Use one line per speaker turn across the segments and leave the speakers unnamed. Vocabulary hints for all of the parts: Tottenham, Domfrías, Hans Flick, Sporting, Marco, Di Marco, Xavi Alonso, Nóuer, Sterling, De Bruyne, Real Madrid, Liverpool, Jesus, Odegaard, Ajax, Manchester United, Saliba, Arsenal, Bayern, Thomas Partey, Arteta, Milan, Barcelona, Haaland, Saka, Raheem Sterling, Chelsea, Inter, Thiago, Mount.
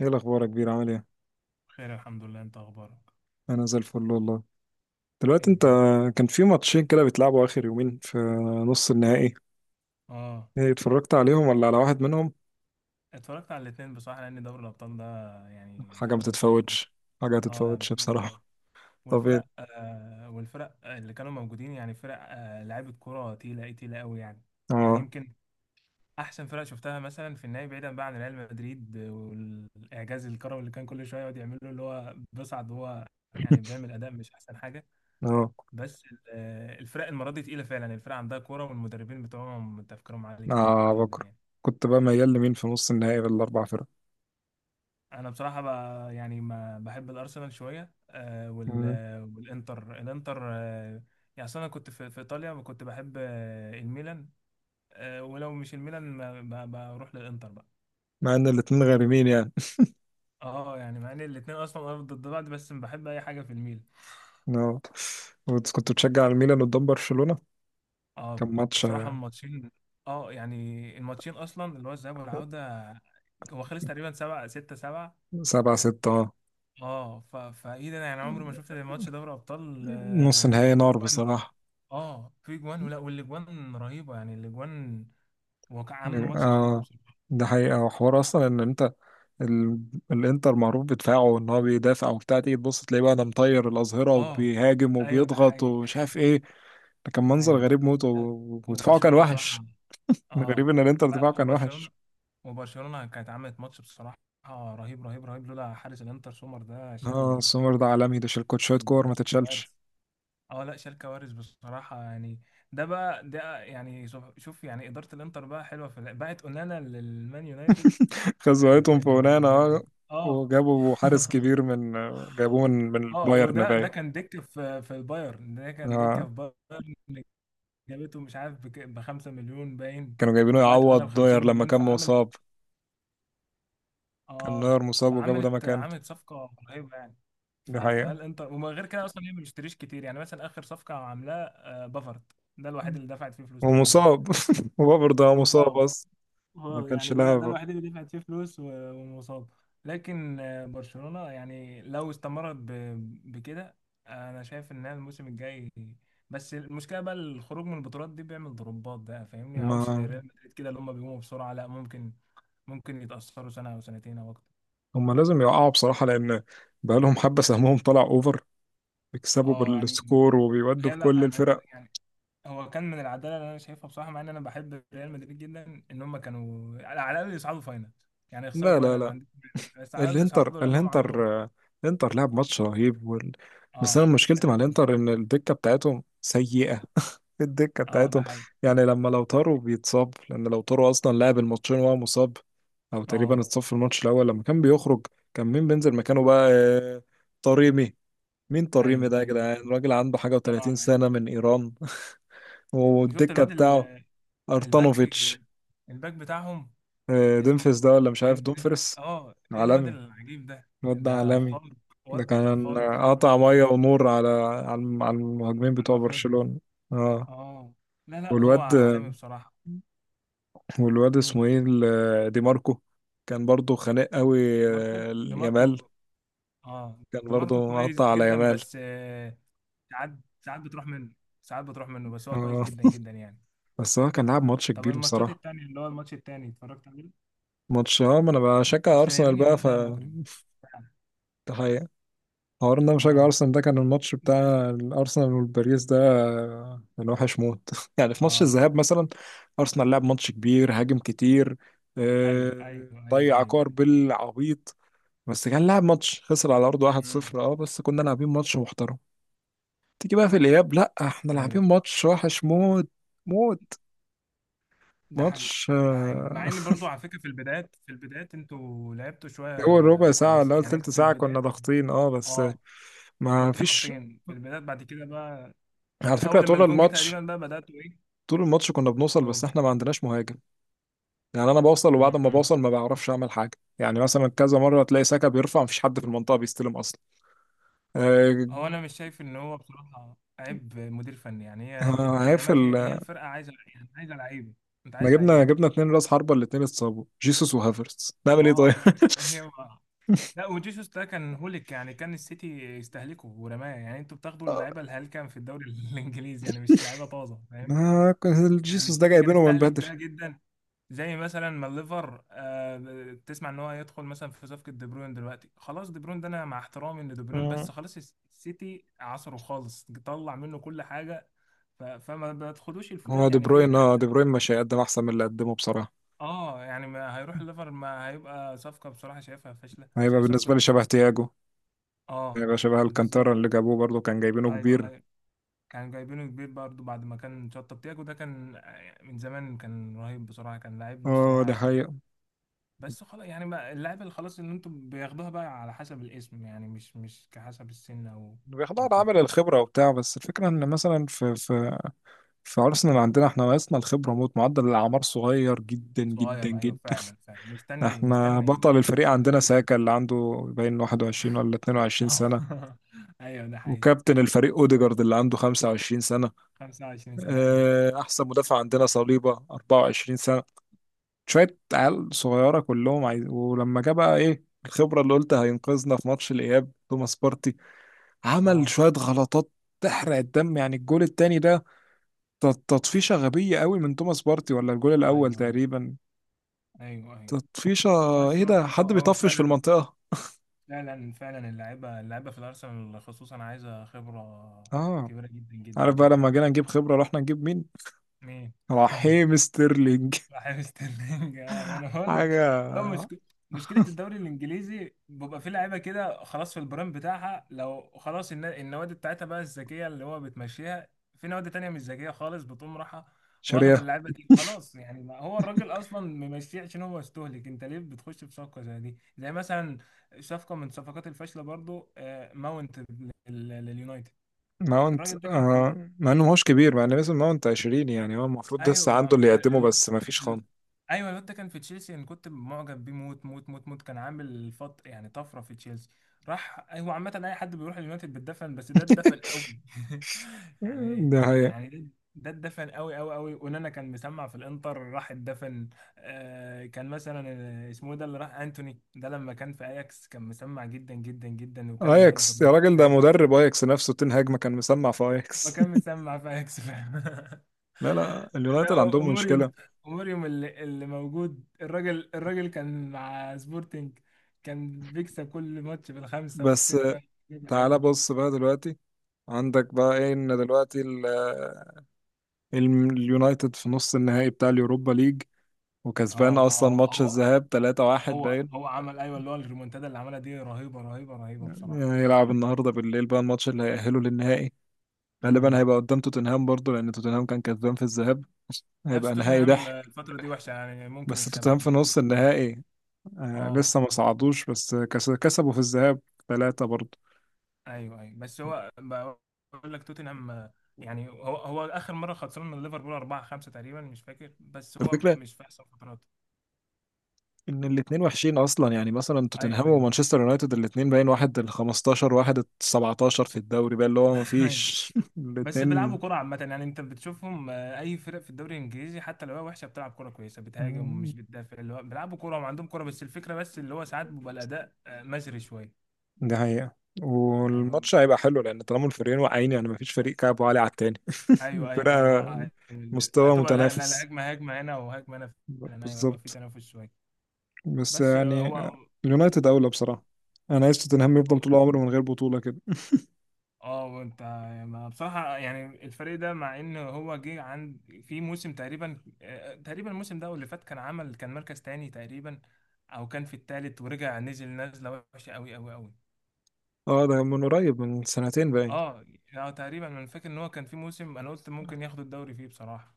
ايه الاخبار يا كبير، عامل ايه؟
خير، الحمد لله. انت اخبارك
انا زي الفل والله.
ايه
دلوقتي انت،
الدنيا؟
كان في ماتشين كده بيتلعبوا اخر يومين في نص النهائي.
اه
ايه، اتفرجت عليهم ولا على واحد منهم؟
اتفرجت على الاثنين بصراحه، لان دوري الابطال ده يعني
حاجه ما
بحب الكوره عامه.
تتفوتش، حاجه ما
اه يعني
تتفوتش
بحب الكوره،
بصراحه. طب ايه؟
والفرق اللي كانوا موجودين يعني فرق لعيبه كوره تقيله، ايه تقيله قوي يعني. يعني
اه،
يمكن احسن فرق شفتها مثلا في النهائي بعيدا بقى عن ريال مدريد والاعجاز الكروي اللي كان كل شويه يقعد يعمله، اللي هو بيصعد وهو يعني بيعمل اداء مش احسن حاجه.
اه،
بس الفرق المره دي تقيله فعلا، الفرق عندها كوره والمدربين بتوعهم تفكيرهم عالي
اه.
جدا
بكره
يعني.
كنت بقى ميال لمين في نص النهائي بالاربع فرق؟
انا بصراحه بقى يعني ما بحب الارسنال شويه آه وال
مم.
والانتر الانتر يعني أصل انا كنت في ايطاليا، كنت بحب الميلان، ولو مش الميلان بروح للانتر بقى.
مع ان الاتنين غارمين يعني.
اه يعني مع ان الاثنين اصلا أرض ضد بعض، بس بحب اي حاجه في الميلان.
اه. كنت بتشجع الميلان قدام برشلونه؟
اه
كان ماتش
بصراحه الماتشين، اه يعني الماتشين اصلا اللي هو الذهاب والعوده، هو خلص تقريبا 7-6، 7.
7-6، اه،
اه ف... فايه ده، انا يعني عمري ما شفت ماتش دوري ابطال
نص نهائي
في
نار
جوان.
بصراحه.
اه في جوان، ولا والاجوان رهيبه يعني الاجوان، هو كان عامل ماتش خيالي
اه،
بصراحه.
ده حقيقة، وحوار أصلا إن أنت ال... الانتر معروف بدفاعه، ان هو بيدافع وبتاع، تيجي تبص تلاقيه بقى ده مطير الاظهره
اه
وبيهاجم
ايوه ده
وبيضغط
حقيقي.
ومش عارف ايه. ده كان منظر
ايوه،
غريب موت،
لا،
ودفاعه كان
وبرشلونه
وحش.
بصراحه. اه
غريب ان الانتر دفاعه كان
وبرشلونه،
وحش.
وبرشلونه كانت عملت ماتش بصراحه رهيب رهيب رهيب، لولا حارس الانتر سومر ده
اه،
شال.
سومر ده عالمي، ده شال كوت
شال
شويه كور ما تتشالش.
كوارث. اه لا شال كوارث بصراحه يعني. ده بقى يعني شوف شوف يعني اداره الانتر بقى حلوه، بقت اونانا للمان يونايتد ب-
خزويتهم في ونانا،
ب- ب-
اه،
اه
وجابوا حارس كبير من، جابوه من
اه
البايرن
وده
باين.
ده كان دكة في البايرن، ده كان
اه،
دكة في بايرن اللي جابته مش عارف بـ5 مليون باين،
كانوا جايبينه
وبعت لنا
يعوض
بخمسين
داير لما
مليون
كان
فعملت.
مصاب. كان
اه
نوير مصاب وجابوا ده مكانه.
عملت صفقة رهيبة يعني. ف-
دي حقيقة.
فالانتر ومن غير كده اصلا هي ما بتشتريش كتير، يعني مثلا اخر صفقة عاملاها بافارد، ده الوحيد اللي دفعت فيه فلوس تقريبا.
ومصاب. وبرضه هو برضه
ومصاب.
مصاب. ما
اه
كانش
يعني ده
لها.
الوحيد اللي دفعت فيه فلوس ومصاب. لكن برشلونة يعني لو استمرت بكده، انا شايف انها الموسم الجاي. بس المشكلة بقى، الخروج من البطولات دي بيعمل ضربات بقى، فاهمني يعني همش زي
ما
ريال مدريد كده اللي هم بيقوموا بسرعة، لا ممكن ممكن يتأثروا سنة او سنتين او اكتر.
هم لازم يقعوا بصراحة، لأن بقالهم حبة سهمهم طلع أوفر، بيكسبوا
اه يعني
بالسكور وبيودوا
هي
في كل
لا أنا-
الفرق.
يعني هو كان من العدالة اللي انا شايفها بصراحة، مع ان انا بحب ريال مدريد جدا، ان هم كانوا على الاقل يصعدوا فاينل. يعني يخسروا
لا، لا،
فاينل ما
لا.
عنديش مانع، بس على الاقل
الإنتر
يصعدوا لانهم عملوا.
الإنتر آه، الإنتر لعب ماتش رهيب، بس
اه
أنا مشكلتي مع
الانتر صح.
الإنتر إن الدكة بتاعتهم سيئة. الدكة
اه ده
بتاعتهم،
حقيقي.
يعني لما لو طاروا بيتصاب، لأن لو طاروا أصلا لعب الماتشين وهو مصاب، أو تقريبا
اه
اتصاب في الماتش الأول لما كان بيخرج. كان مين بينزل مكانه بقى؟ طريمي. مين طريمي
ايوه
ده يا
ايوه.
جدعان؟ راجل عنده حاجة و30
انا
سنة من إيران.
وشفت
والدكة بتاعه،
الباك،
أرتانوفيتش.
الباك بتاعهم اسمه
دومفريس ده، ولا مش عارف،
ديمفريز.
دومفريس
اه ايه الواد
عالمي،
العجيب ده،
الواد ده
ده
عالمي.
خارق.
ده
واد ده
كان
خارق خارق
قطع
خارق.
مية ونور، على المهاجمين بتوع
عارفين.
برشلونة. اه.
اه لا لا هو
والواد
عالمي بصراحة.
والواد
مين؟
اسمه ايه، دي ماركو، كان برضه خانق قوي،
ماركو، ده ماركو.
يامال،
اه
كان
ده ماركو
برضه
كويس
مقطع على
جدا،
يامال.
بس ساعات ساعات بتروح منه ساعات بتروح منه، بس هو
اه،
كويس جدا جدا يعني.
بس هو كان لعب ماتش
طب
كبير
الماتشات
بصراحة.
التانية اللي هو الماتش التاني اتفرجت عليه؟
ماتش، اه. ما انا بشجع
اصل
ارسنال
يمين
بقى،
يامال
ف
ده مجرم.
حوار ان انا مشجع
اه
ارسنال. ده كان الماتش
زعلت
بتاع
انت.
الارسنال والباريس ده، كان وحش موت. يعني في ماتش
اه
الذهاب مثلا ارسنال لعب ماتش كبير، هاجم كتير،
ايوه ايوه ايوه ايوه
ضيع كور
ايوه.
بالعبيط، بس كان لعب ماتش، خسر على ارضه
امم.
1-0، اه، بس كنا لاعبين ماتش محترم. تيجي بقى في الاياب، لا احنا لاعبين
ايوه
ماتش وحش موت، موت.
ده حقيقي.
ماتش
ده حقيقي، مع ان برضو على فكره في البدايات، انتوا لعبتوا
اول ربع
شويه
ساعه ولا
كويسه
اول
يعني
تلت
انتوا في
ساعه
البدايات.
كنا ضاغطين، اه، بس
اه
ما
كنتوا
فيش.
ضاغطين في البدايات، بعد كده بقى
على
من
فكره
اول لما
طول
الجون جه
الماتش،
تقريبا بقى بداتوا ايه.
طول الماتش كنا بنوصل، بس
قول.
احنا ما عندناش مهاجم. يعني انا بوصل، وبعد ما
امم.
بوصل ما بعرفش اعمل حاجه. يعني مثلا كذا مره تلاقي سكه بيرفع، مفيش حد في المنطقه بيستلم اصلا. آه،
انا مش شايف ان هو بصراحه عيب مدير فني، يعني هي التدعيمات، هي
هيفل،
هي الفرقه عايزه، يعني عايزه لعيبه. انت
احنا
عايز
جبنا
لعيبه.
جبنا اتنين راس حربه، الاتنين اتصابوا، جيسوس وهافرتز، نعمل
ما
ايه طيب؟
هو، هي لا وجيسوس ده كان هوليك يعني كان السيتي يستهلكه ورماه، يعني انتوا بتاخدوا اللعيبه الهلكه في الدوري الانجليزي، يعني مش لعيبه طازه فاهمني.
ما كان
يعني
جيسوس ده
السيتي كان
جايبينه من
يستهلك
بدري.
ده جدا. زي مثلا ما الليفر تسمع ان هو هيدخل مثلا في صفقه دي بروين دلوقتي، خلاص دي بروين ده، انا مع احترامي ان دي بروين،
مم.
بس خلاص السيتي عصره خالص، طلع منه كل حاجه. ف- فما بتاخدوش
هو
الفتات
دي
يعني في
بروين، اه،
احسن.
دي بروين مش هيقدم احسن من اللي قدمه بصراحه.
اه يعني ما هيروح الليفر، ما هيبقى صفقه بصراحه شايفها فاشله
هيبقى
زي صفقه.
بالنسبه لي شبه تياجو،
اه
هيبقى شبه
بالظبط.
الكانتارا اللي جابوه، برضه كان جايبينه
ايوه
كبير.
ايوه. كان جايبينه كبير برضه بعد ما كان شطب تياجو، ده كان من زمان كان رهيب بصراحة، كان لعيب نص
اه، ده
ملعب.
حقيقة.
بس خلاص يعني بقى اللعيبة اللي خلاص اللي انتوا بياخدوها بقى على حسب الاسم، يعني مش كحسب السن او
بياخدوا
او
على
كده.
عامل الخبرة وبتاع، بس الفكرة ان مثلا في أرسنال، عندنا احنا ناقصنا الخبرة موت، معدل الأعمار صغير جدا جدا
صغير ايوه
جدا.
فعلا فعلا. مستني
احنا بطل الفريق
مستني
عندنا
كتير.
ساكا، اللي عنده باين 21 ولا 22
اه
سنة.
ايوه ده حقيقي.
وكابتن الفريق اوديجارد اللي عنده 25 سنة.
25 سنة ايوه.
اه، أحسن مدافع عندنا صليبة 24 سنة. شوية عيال صغيرة كلهم عايز... ولما جه بقى ايه الخبرة اللي قلت هينقذنا في ماتش الإياب؟ توماس بارتي عمل
اه
شوية غلطات تحرق الدم، يعني الجول التاني ده، تطفيشة غبية قوي من توماس بارتي، ولا الجول
ايوه
الأول
ايوه
تقريبا،
ايوه ايوه.
تطفيشة.
لا، بس
ايه
هو
ده،
هو
حد
هو
بيطفش في
فعلا.
المنطقة؟
فعلا فعلا، اللعيبه في الارسنال خصوصا عايزه خبره
اه.
كبيره جدا جدا
عارف بقى
جدا
لما
يعني.
جينا نجيب خبرة رحنا نجيب مين؟
مين
رحيم ستيرلينج.
راح ستيرلينج اه انا بقول لك،
حاجة
هو مشك... مشكله الدوري الانجليزي بيبقى فيه لعيبه كده خلاص في البرايم بتاعها، لو خلاص النوادي بتاعتها بقى الذكيه اللي هو بتمشيها. في نوادي تانية مش ذكيه خالص بتقوم رايحه واخده
شريعة.
اللعيبه دي خلاص، يعني ما هو الراجل اصلا ممشيه عشان هو مستهلك، انت ليه بتخش في صفقه زي دي؟ زي مثلا صفقه من صفقات الفاشله برضو ماونت لليونايتد.
ماونت،
الراجل ده كان في،
مع انه ماهوش كبير، مع ان لسه ماونت 20، يعني هو المفروض
ايوه
لسه عنده اللي يقدمه، بس مفيش
ال...
خان.
ايوه الواد ده كان في تشيلسي، انا كنت معجب بيه موت موت موت موت، كان عامل فط يعني طفره في تشيلسي. راح، هو عامه اي حد بيروح اليونايتد بيتدفن، بس ده اتدفن قوي يعني.
ده هي.
يعني ده ده اتدفن قوي قوي قوي. ونانا كان مسمع في الانتر راح اتدفن. آه كان مثلا آه، اسمه إيه ده اللي راح، انتوني ده لما كان في اياكس كان مسمع جدا جدا جدا، وكان واد
اياكس يا
رهيب
راجل،
في
ده
اياكس.
مدرب اياكس نفسه تنهاج كان مسمع في
ما
اياكس.
كان مسمع في اياكس فعلا
لا، لا، اليونايتد
ده
عندهم مشكلة.
أموريوم، أموريوم اللي موجود، الراجل كان مع سبورتنج، كان بيكسب كل ماتش بالخمسة
بس
والستة جيب حلو.
تعالى بص بقى دلوقتي، عندك بقى ايه ان دلوقتي اليونايتد في نص النهائي بتاع اليوروبا ليج، وكسبان
اه
اصلا
اه
ماتش
هو،
الذهاب 3-1
هو
باين.
هو عمل ايوه اللي هو الريمونتادا اللي عملها دي رهيبة رهيبة رهيبة
يعني
بصراحة.
هيلعب النهارده بالليل بقى الماتش اللي هيأهله للنهائي. غالبا
امم.
هيبقى قدام توتنهام برضه، لان توتنهام كان كسبان في الذهاب.
نفس
هيبقى نهائي
توتنهام
ضحك.
الفترة دي وحشة يعني، ممكن
بس توتنهام
يكسبها
في
ممكن
نص
يكسبها.
النهائي آه،
اه
لسه ما صعدوش، بس كسبوا في الذهاب ثلاثة برضه.
ايوه ايوه، بس هو بقول لك توتنهام، يعني هو اخر مرة خسران من ليفربول 4-5 تقريبا مش فاكر، بس هو
الفكرة
مش في احسن فتراته.
ان الاتنين وحشين اصلا، يعني مثلا
ايوه
توتنهام
ايوه
ومانشستر يونايتد الاتنين باين، واحد ال 15 واحد ال 17 في الدوري بقى، اللي هو ما
ايوه
فيش.
بس بيلعبوا
الاتنين،
كرة عامة يعني، انت بتشوفهم اي فرق في الدوري الانجليزي حتى لو هي وحشة بتلعب كرة كويسة، بتهاجم ومش بتدافع، اللي هو بيلعبوا كرة وعندهم كرة، بس الفكرة بس اللي هو ساعات بيبقى الاداء مزري شوية.
دي حقيقة.
يعني هو-
والماتش هيبقى حلو، لأن طالما الفريقين واقعين، يعني مفيش فريق كعبه عالي على التاني.
ايوه ايوه ايوه
الفرقة،
مع
مستوى
لا لا
متنافس،
هجمة، هجمة هنا وهجمة هنا. فعلا ايوه هيبقى في
بالظبط.
تنافس شوية.
بس
بس آه،
يعني
هو
اليونايتد أولى بصراحة. أنا عايز توتنهام يفضل
هو
طول عمره من غير بطولة كده.
اه وانت، ما بصراحة يعني الفريق ده، مع ان هو جه عند، في موسم تقريبا تقريبا الموسم ده أو اللي فات كان عمل كان مركز تاني تقريبا، او كان في التالت ورجع نزل نزلة وحشة قوي قوي قوي.
اه، ده من قريب، من سنتين باين،
اه يعني تقريبا انا فاكر ان هو كان في موسم انا قلت ممكن ياخد الدوري فيه بصراحة.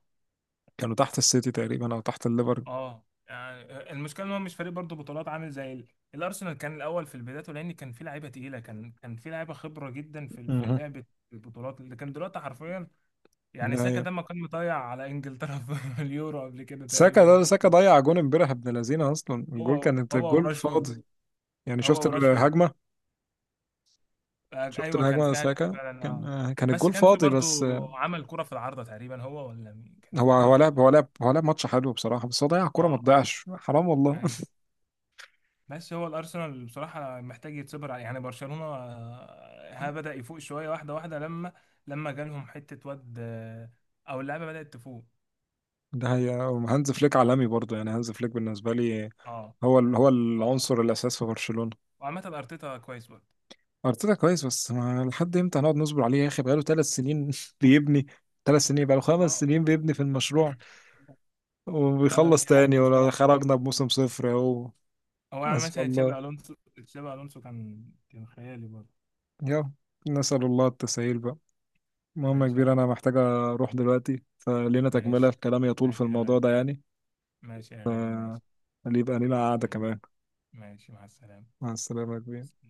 كانوا تحت السيتي تقريبا أو تحت الليفر.
اه يعني المشكلة ان هو مش فريق برضه بطولات، عامل زي الارسنال. كان الاول في البداية لان كان في لعيبة تقيلة، كان في لعيبة خبرة جدا في
مهم.
لعبة البطولات، اللي كان دلوقتي حرفيا يعني
ده
ساكا
هي.
ده ما كان مطيع على انجلترا في اليورو قبل كده
ساكا
تقريبا.
ده، ساكا ضيع جون امبارح، ابن لذينه، أصلا الجول كانت
هو
الجول
وراشفورد.
فاضي. يعني شفت
هو وراشفورد
الهجمة؟ شفت
ايوه كان
الهجمة،
في هجمه
ساكا
فعلا.
كان
اه
آه، كان
بس
الجول
كان في
فاضي بس.
برضو عمل كرة في العارضة تقريبا، هو ولا مين، كان
هو
في كرة
هو
جت.
لعب هو لعب هو لعب ماتش حلو بصراحة، بس هو ضيع كورة ما
اه
تضيعش، حرام والله.
ايوه. بس هو الارسنال بصراحة محتاج يتصبر عليه. يعني برشلونة ها بدأ يفوق شوية واحدة واحدة، لما لما جالهم حتة واد او اللعبة بدأت تفوق.
ده هي. هانز فليك عالمي برضه، يعني هانز فليك بالنسبة لي
اه
هو هو
و-
العنصر الأساس في برشلونة.
وعامة ارتيتا كويس برضه.
أرتيتا كويس، بس ما لحد إمتى هنقعد نصبر عليه يا أخي؟ بقاله ثلاث سنين بيبني. ثلاث سنين، بقاله
ما
خمس سنين بيبني في المشروع،
ما انا
وبيخلص
مش عارف
تاني ولا
بصراحة.
خرجنا بموسم صفر أهو.
هو يعني
أسأل
مثلا
الله،
تشابي الونسو، كان كان خيالي برضه.
يا، نسأل الله التسهيل بقى. المهم يا
ماشي يا
كبير، أنا
حبيبي.
محتاج أروح دلوقتي، فلينا تكملة
ماشي.
الكلام يطول في
ماشي يا
الموضوع
غالي.
ده يعني.
ماشي يا غالي، ماشي.
اللي يبقى لينا قعدة
يلا.
كمان.
ماشي، مع السلامة.
مع السلامة يا كبير.